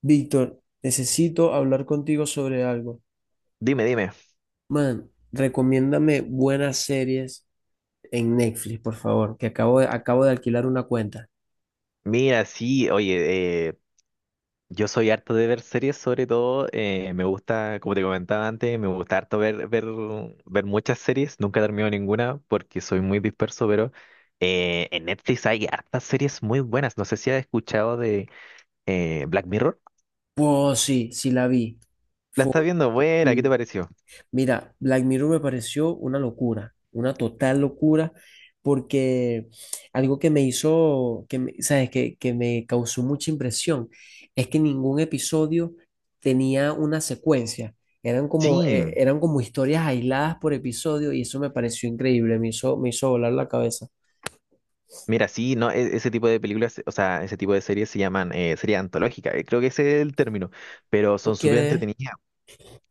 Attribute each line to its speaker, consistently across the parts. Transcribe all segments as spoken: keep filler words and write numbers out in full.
Speaker 1: Víctor, necesito hablar contigo sobre algo.
Speaker 2: Dime, dime.
Speaker 1: Man, recomiéndame buenas series en Netflix, por favor, que acabo de, acabo de alquilar una cuenta.
Speaker 2: Mira, sí, oye, eh, yo soy harto de ver series, sobre todo, eh, me gusta, como te comentaba antes, me gusta harto ver, ver, ver muchas series, nunca termino ninguna porque soy muy disperso, pero eh, en Netflix hay hartas series muy buenas. No sé si has escuchado de eh, Black Mirror.
Speaker 1: Oh, sí, sí la vi.
Speaker 2: La
Speaker 1: Fue,
Speaker 2: estás viendo, buena, ¿qué te pareció?
Speaker 1: Mira, Black Mirror me pareció una locura, una total locura, porque algo que me hizo, que me- ¿sabes? Que, que me causó mucha impresión es que ningún episodio tenía una secuencia. Eran como,
Speaker 2: Sí,
Speaker 1: eh, eran como historias aisladas por episodio y eso me pareció increíble, me hizo, me hizo volar la cabeza.
Speaker 2: mira, sí, no, e- ese tipo de películas, o sea, ese tipo de series se llaman eh, series antológicas, eh, creo que ese es el término, pero son
Speaker 1: Ok.
Speaker 2: súper entretenidas.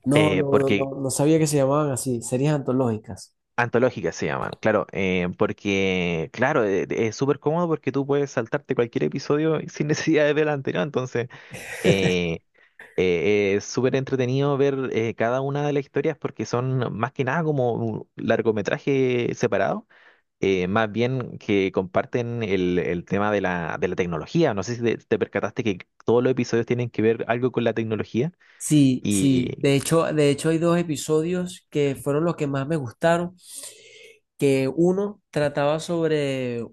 Speaker 1: No,
Speaker 2: Eh,
Speaker 1: no, no,
Speaker 2: porque
Speaker 1: no, no sabía que se llamaban así, series antológicas.
Speaker 2: antológicas se llaman, claro, eh, porque, claro, eh, eh, es súper cómodo porque tú puedes saltarte cualquier episodio sin necesidad de ver el anterior, entonces eh, eh, es súper entretenido ver eh, cada una de las historias porque son más que nada como un largometraje separado, eh, más bien que comparten el, el tema de la, de la tecnología, no sé si te, te percataste que todos los episodios tienen que ver algo con la tecnología
Speaker 1: Sí, sí,
Speaker 2: y...
Speaker 1: de hecho, de hecho hay dos episodios que fueron los que más me gustaron, que uno trataba sobre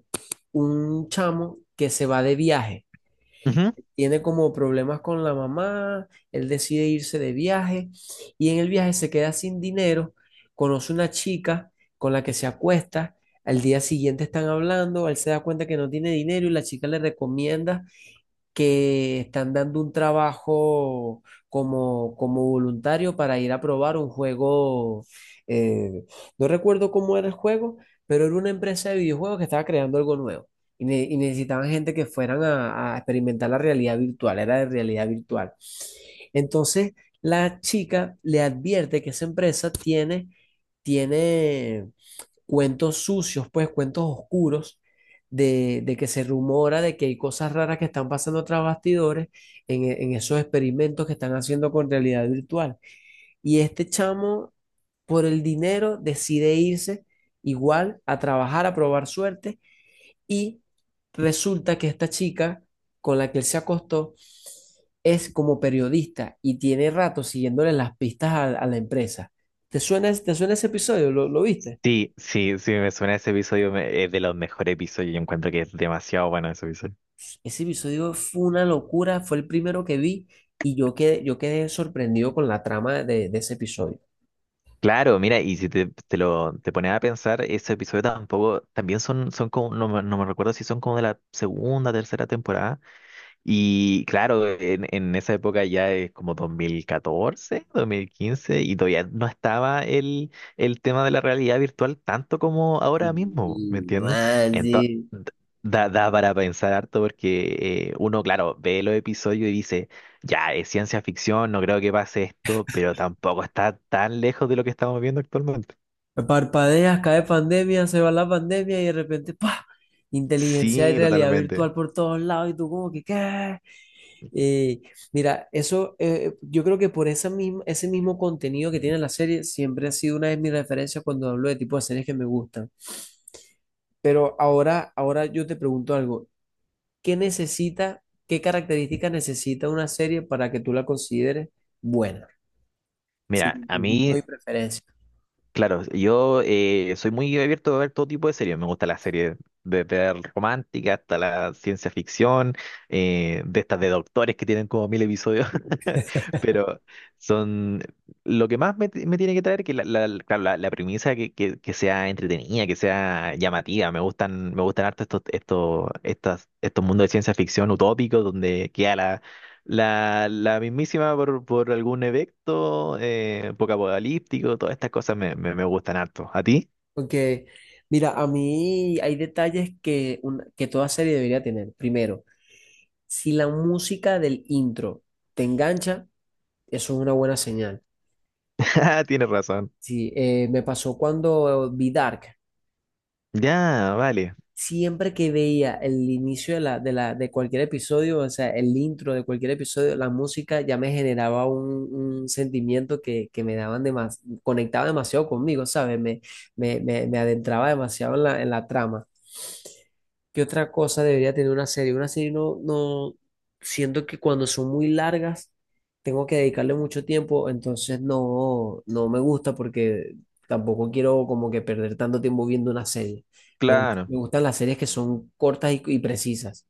Speaker 1: un chamo que se va de viaje.
Speaker 2: Ujú.
Speaker 1: Tiene como problemas con la mamá, él decide irse de viaje y en el viaje se queda sin dinero, conoce una chica con la que se acuesta, al día siguiente están hablando, él se da cuenta que no tiene dinero y la chica le recomienda que están dando un trabajo como, como voluntario para ir a probar un juego. eh, no recuerdo cómo era el juego, pero era una empresa de videojuegos que estaba creando algo nuevo. Y, ne- y necesitaban gente que fueran a, a experimentar la realidad virtual, era de realidad virtual. Entonces, la chica le advierte que esa empresa tiene, tiene cuentos sucios, pues cuentos oscuros, de, de que se rumora de que hay cosas raras que están pasando tras bastidores en, e- en esos experimentos que están haciendo con realidad virtual. Y este chamo, por el dinero, decide irse igual a trabajar, a probar suerte, y resulta que esta chica con la que él se acostó es como periodista y tiene rato siguiéndole las pistas a, a la empresa. ¿Te suena, te suena ese episodio? ¿Lo, lo viste?
Speaker 2: Sí, sí, sí, me suena ese episodio, me- es de los mejores episodios, yo encuentro que es demasiado bueno ese episodio.
Speaker 1: Ese episodio fue una locura, fue el primero que vi y yo quedé, yo quedé sorprendido con la trama de, de ese episodio.
Speaker 2: Claro, mira, y si te, te lo te pones a pensar, ese episodio tampoco, también son, son como, no, me no me recuerdo si son como de la segunda, tercera temporada, y claro, en, en esa época ya es como dos mil catorce, dos mil quince, y todavía no estaba el, el tema de la realidad virtual tanto como ahora mismo, ¿me
Speaker 1: Y,
Speaker 2: entiendes?
Speaker 1: man,
Speaker 2: Entonces,
Speaker 1: sí.
Speaker 2: da, da para pensar harto porque eh, uno, claro, ve los episodios y dice, ya, es ciencia ficción, no creo que pase esto, pero tampoco está tan lejos de lo que estamos viendo actualmente.
Speaker 1: Parpadeas, cae pandemia, se va la pandemia y de repente, ¡pa! Inteligencia y
Speaker 2: Sí,
Speaker 1: realidad
Speaker 2: totalmente.
Speaker 1: virtual por todos lados y tú como que, ¿qué? Eh, Mira, eso, eh, yo creo que por esa misma, ese mismo contenido que tiene la serie siempre ha sido una de mis referencias cuando hablo de tipo de series que me gustan. Pero ahora, ahora yo te pregunto algo. ¿Qué necesita, qué características necesita una serie para que tú la consideres buena,
Speaker 2: Mira,
Speaker 1: según tu
Speaker 2: a
Speaker 1: gusto
Speaker 2: mí
Speaker 1: y preferencia?
Speaker 2: claro, yo eh, soy muy abierto a ver todo tipo de series. Me gusta las series desde la romántica hasta la ciencia ficción, eh, de estas de doctores que tienen como mil episodios. Pero son lo que más me, me tiene que traer que la, la, la- claro, la- la premisa que, que, que sea entretenida, que sea llamativa. Me gustan, me gustan harto estos, estos, estas, estos mundos de ciencia ficción utópicos donde queda la la, la mismísima por, por algún evento eh, apocalíptico, todas estas cosas me, me, me gustan harto. ¿A ti?
Speaker 1: Porque, mira, a mí hay detalles que, una- que toda serie debería tener. Primero, si la música del intro te engancha, eso es una buena señal.
Speaker 2: Ah, tienes razón.
Speaker 1: Sí, eh, me pasó cuando eh, vi Dark.
Speaker 2: Ya, vale,
Speaker 1: Siempre que veía el inicio de, la, de, la, de cualquier episodio, o sea, el intro de cualquier episodio, la música ya me generaba un, un sentimiento que, que me daban demas, conectaba demasiado conmigo, ¿sabes? Me, me, me, me adentraba demasiado en la, en la trama. ¿Qué otra cosa debería tener una serie? Una serie no, no, Siento que cuando son muy largas tengo que dedicarle mucho tiempo, entonces no, no me gusta porque tampoco quiero como que perder tanto tiempo viendo una serie. Me, gust-
Speaker 2: claro.
Speaker 1: me gustan las series que son cortas y, y precisas.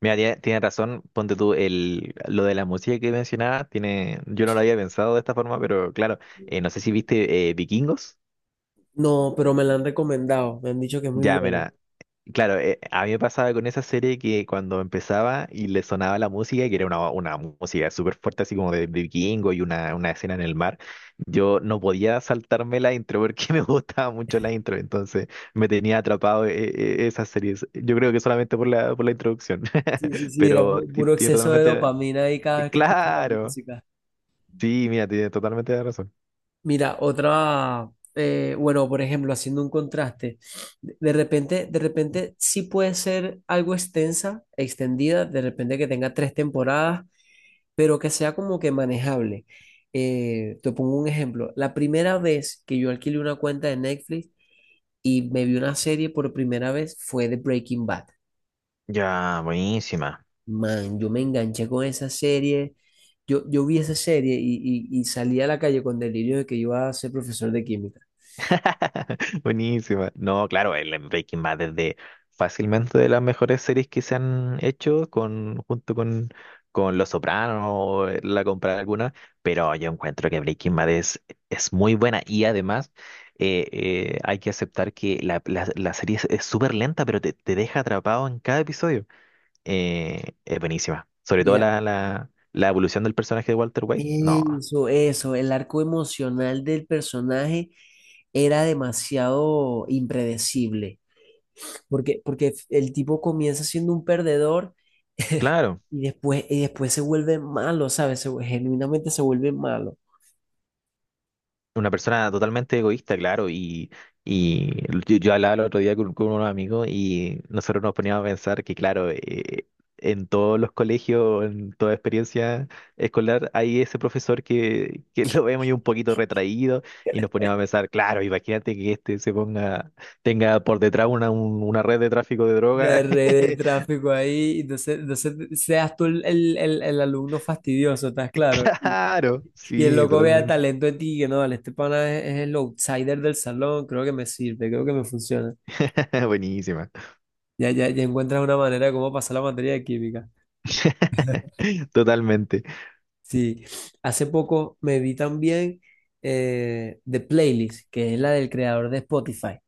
Speaker 2: Mira, tie- tienes razón, ponte tú el, lo de la música que mencionabas, tiene, yo no lo había pensado de esta forma, pero claro, eh, no sé si viste eh, Vikingos.
Speaker 1: No, pero me la han recomendado, me han dicho que es muy
Speaker 2: Ya,
Speaker 1: buena.
Speaker 2: mira, claro, eh, a mí me pasaba con esa serie que cuando empezaba y le sonaba la música, que era una, una música súper fuerte, así como de, de vikingo y una, una escena en el mar, yo no podía saltarme la intro porque me gustaba mucho la intro, entonces me tenía atrapado eh, eh, esas series. Yo creo que solamente por la, por la introducción,
Speaker 1: Sí, sí, sí, era
Speaker 2: pero
Speaker 1: pu-
Speaker 2: ti-
Speaker 1: puro
Speaker 2: tiene
Speaker 1: exceso de
Speaker 2: totalmente...
Speaker 1: dopamina ahí cada vez que escuchas la
Speaker 2: Claro,
Speaker 1: música.
Speaker 2: sí, mira, tiene totalmente razón.
Speaker 1: Mira, otra, eh, bueno, por ejemplo, haciendo un contraste, de de repente, de repente sí puede ser algo extensa, extendida, de repente que tenga tres temporadas, pero que sea como que manejable. Eh, te pongo un ejemplo. La primera vez que yo alquilé una cuenta de Netflix y me vi una serie por primera vez fue de Breaking Bad.
Speaker 2: Ya, buenísima.
Speaker 1: Man, yo me enganché con esa serie. Yo, yo vi esa serie y, y, y salí a la calle con delirio de que iba a ser profesor de química.
Speaker 2: Buenísima. No, claro, el Breaking Bad es de fácilmente de las mejores series que se han hecho con, junto con, con Los Sopranos o la compra alguna, pero yo encuentro que Breaking Bad es, es muy buena y además eh, eh, hay que aceptar que la, la- la serie es es súper lenta, pero te, te deja atrapado en cada episodio. Eh, es buenísima. Sobre todo la, la, la evolución del personaje de Walter White. No,
Speaker 1: Eso, eso, el arco emocional del personaje era demasiado impredecible, porque, porque el tipo comienza siendo un perdedor
Speaker 2: claro.
Speaker 1: y después, y después se vuelve malo, ¿sabes? Se vu- genuinamente se vuelve malo.
Speaker 2: Una persona totalmente egoísta, claro, y, y yo, yo hablaba el otro día con, con unos amigos y nosotros nos poníamos a pensar que, claro, eh, en todos los colegios, en toda experiencia escolar, hay ese profesor que, que lo vemos y un poquito retraído y nos poníamos a pensar, claro, imagínate que este se ponga, tenga por detrás una, un- una red de tráfico de
Speaker 1: La
Speaker 2: droga.
Speaker 1: red de tráfico ahí, entonces, entonces seas tú el, el- el- el alumno fastidioso, ¿estás claro? Y,
Speaker 2: Claro,
Speaker 1: y el
Speaker 2: sí,
Speaker 1: loco vea
Speaker 2: totalmente.
Speaker 1: talento en ti, que no, vale, este pana es, es el outsider del salón, creo que me sirve, creo que me funciona.
Speaker 2: Buenísima.
Speaker 1: Ya, ya, ya encuentras una manera de cómo pasar la materia de química.
Speaker 2: Totalmente.
Speaker 1: Sí, hace poco me vi también eh, The Playlist, que es la del creador de Spotify.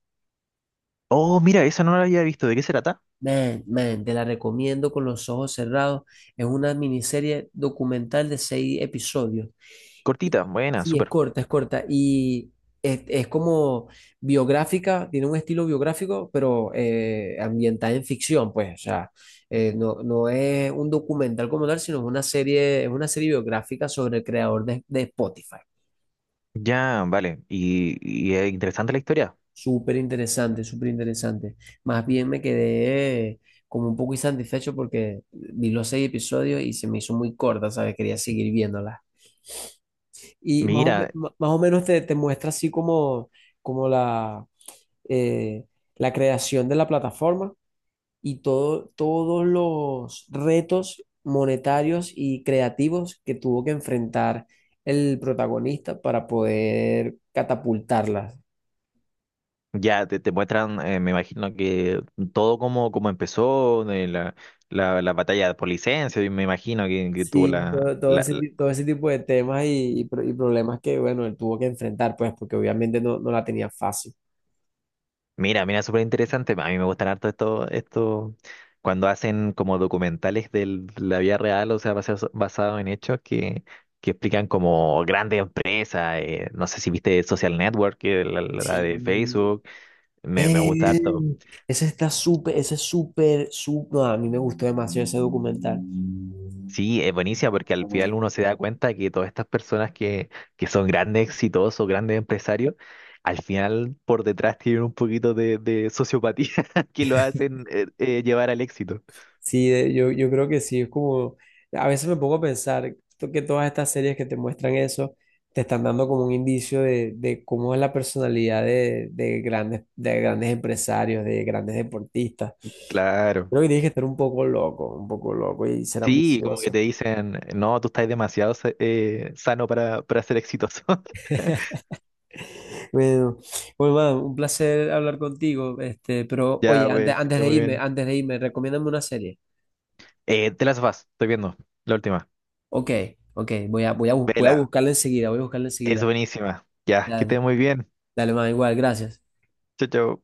Speaker 2: Oh, mira, esa no la había visto. ¿De qué se trata?
Speaker 1: Man, man, te la recomiendo con los ojos cerrados. Es una miniserie documental de seis episodios.
Speaker 2: Cortita, buena,
Speaker 1: Sí, es
Speaker 2: súper.
Speaker 1: corta, es corta. Y es, es como biográfica, tiene un estilo biográfico, pero eh, ambientada en ficción, pues. O sea, eh, no, no es un documental como tal, sino es una serie, es una serie biográfica sobre el creador de, de Spotify.
Speaker 2: Ya, vale. Y, y es interesante la historia.
Speaker 1: Súper interesante, súper interesante. Más bien me quedé eh, como un poco insatisfecho porque vi los seis episodios y se me hizo muy corta, ¿sabes? Quería seguir viéndola. Y más o, me-
Speaker 2: Mira,
Speaker 1: más o menos te, te muestra así como, como la eh, la creación de la plataforma y todo, todos los retos monetarios y creativos que tuvo que enfrentar el protagonista para poder catapultarla.
Speaker 2: ya te, te muestran, eh, me imagino que todo como, como empezó, de la, la, la batalla por licencia, y me imagino que, que tuvo
Speaker 1: Sí,
Speaker 2: la,
Speaker 1: todo, todo ese, ti- todo ese tipo de temas y, y pro- y problemas que, bueno, él tuvo que enfrentar, pues, porque obviamente no, no la tenía fácil.
Speaker 2: mira, mira, súper interesante. A mí me gustan harto esto, esto, cuando hacen como documentales de la vida real, o sea, basados basado en hechos que, que explican como grandes empresas. Eh, no sé si viste Social Network, que la, la de
Speaker 1: Sí.
Speaker 2: Facebook. Me, me
Speaker 1: Eh,
Speaker 2: gusta harto.
Speaker 1: Ese está súper, ese es súper, súper, no, a mí me gustó demasiado ese documental.
Speaker 2: Sí, es buenísima porque al final uno se da cuenta que todas estas personas que, que son grandes, exitosos, grandes empresarios, al final por detrás tienen un poquito de, de sociopatía que lo hacen eh, eh, llevar al éxito.
Speaker 1: Sí, de- yo, yo creo que sí, es como, a veces me pongo a pensar to- que todas estas series que te muestran eso, te están dando como un indicio de, de cómo es la personalidad de, de grandes, de grandes empresarios, de grandes deportistas.
Speaker 2: Claro.
Speaker 1: Creo que tienes que estar un poco loco, un poco loco y ser
Speaker 2: Sí, como que te
Speaker 1: ambicioso.
Speaker 2: dicen, no, tú estás demasiado sa- eh, sano para, para ser exitoso.
Speaker 1: Bueno, bueno, man, un placer hablar contigo, este, pero
Speaker 2: Ya,
Speaker 1: oye, antes,
Speaker 2: pues, que
Speaker 1: antes
Speaker 2: esté
Speaker 1: de
Speaker 2: muy
Speaker 1: irme,
Speaker 2: bien.
Speaker 1: antes de irme, recomiéndame una serie.
Speaker 2: Eh, The Last of Us, estoy viendo, la última.
Speaker 1: Ok, ok, voy a, voy a, bu- voy a
Speaker 2: Vela,
Speaker 1: buscarla enseguida, voy a buscarla
Speaker 2: es
Speaker 1: enseguida.
Speaker 2: buenísima. Ya, que
Speaker 1: Dale,
Speaker 2: esté muy bien.
Speaker 1: dale, man, igual, gracias.
Speaker 2: Chao, chao.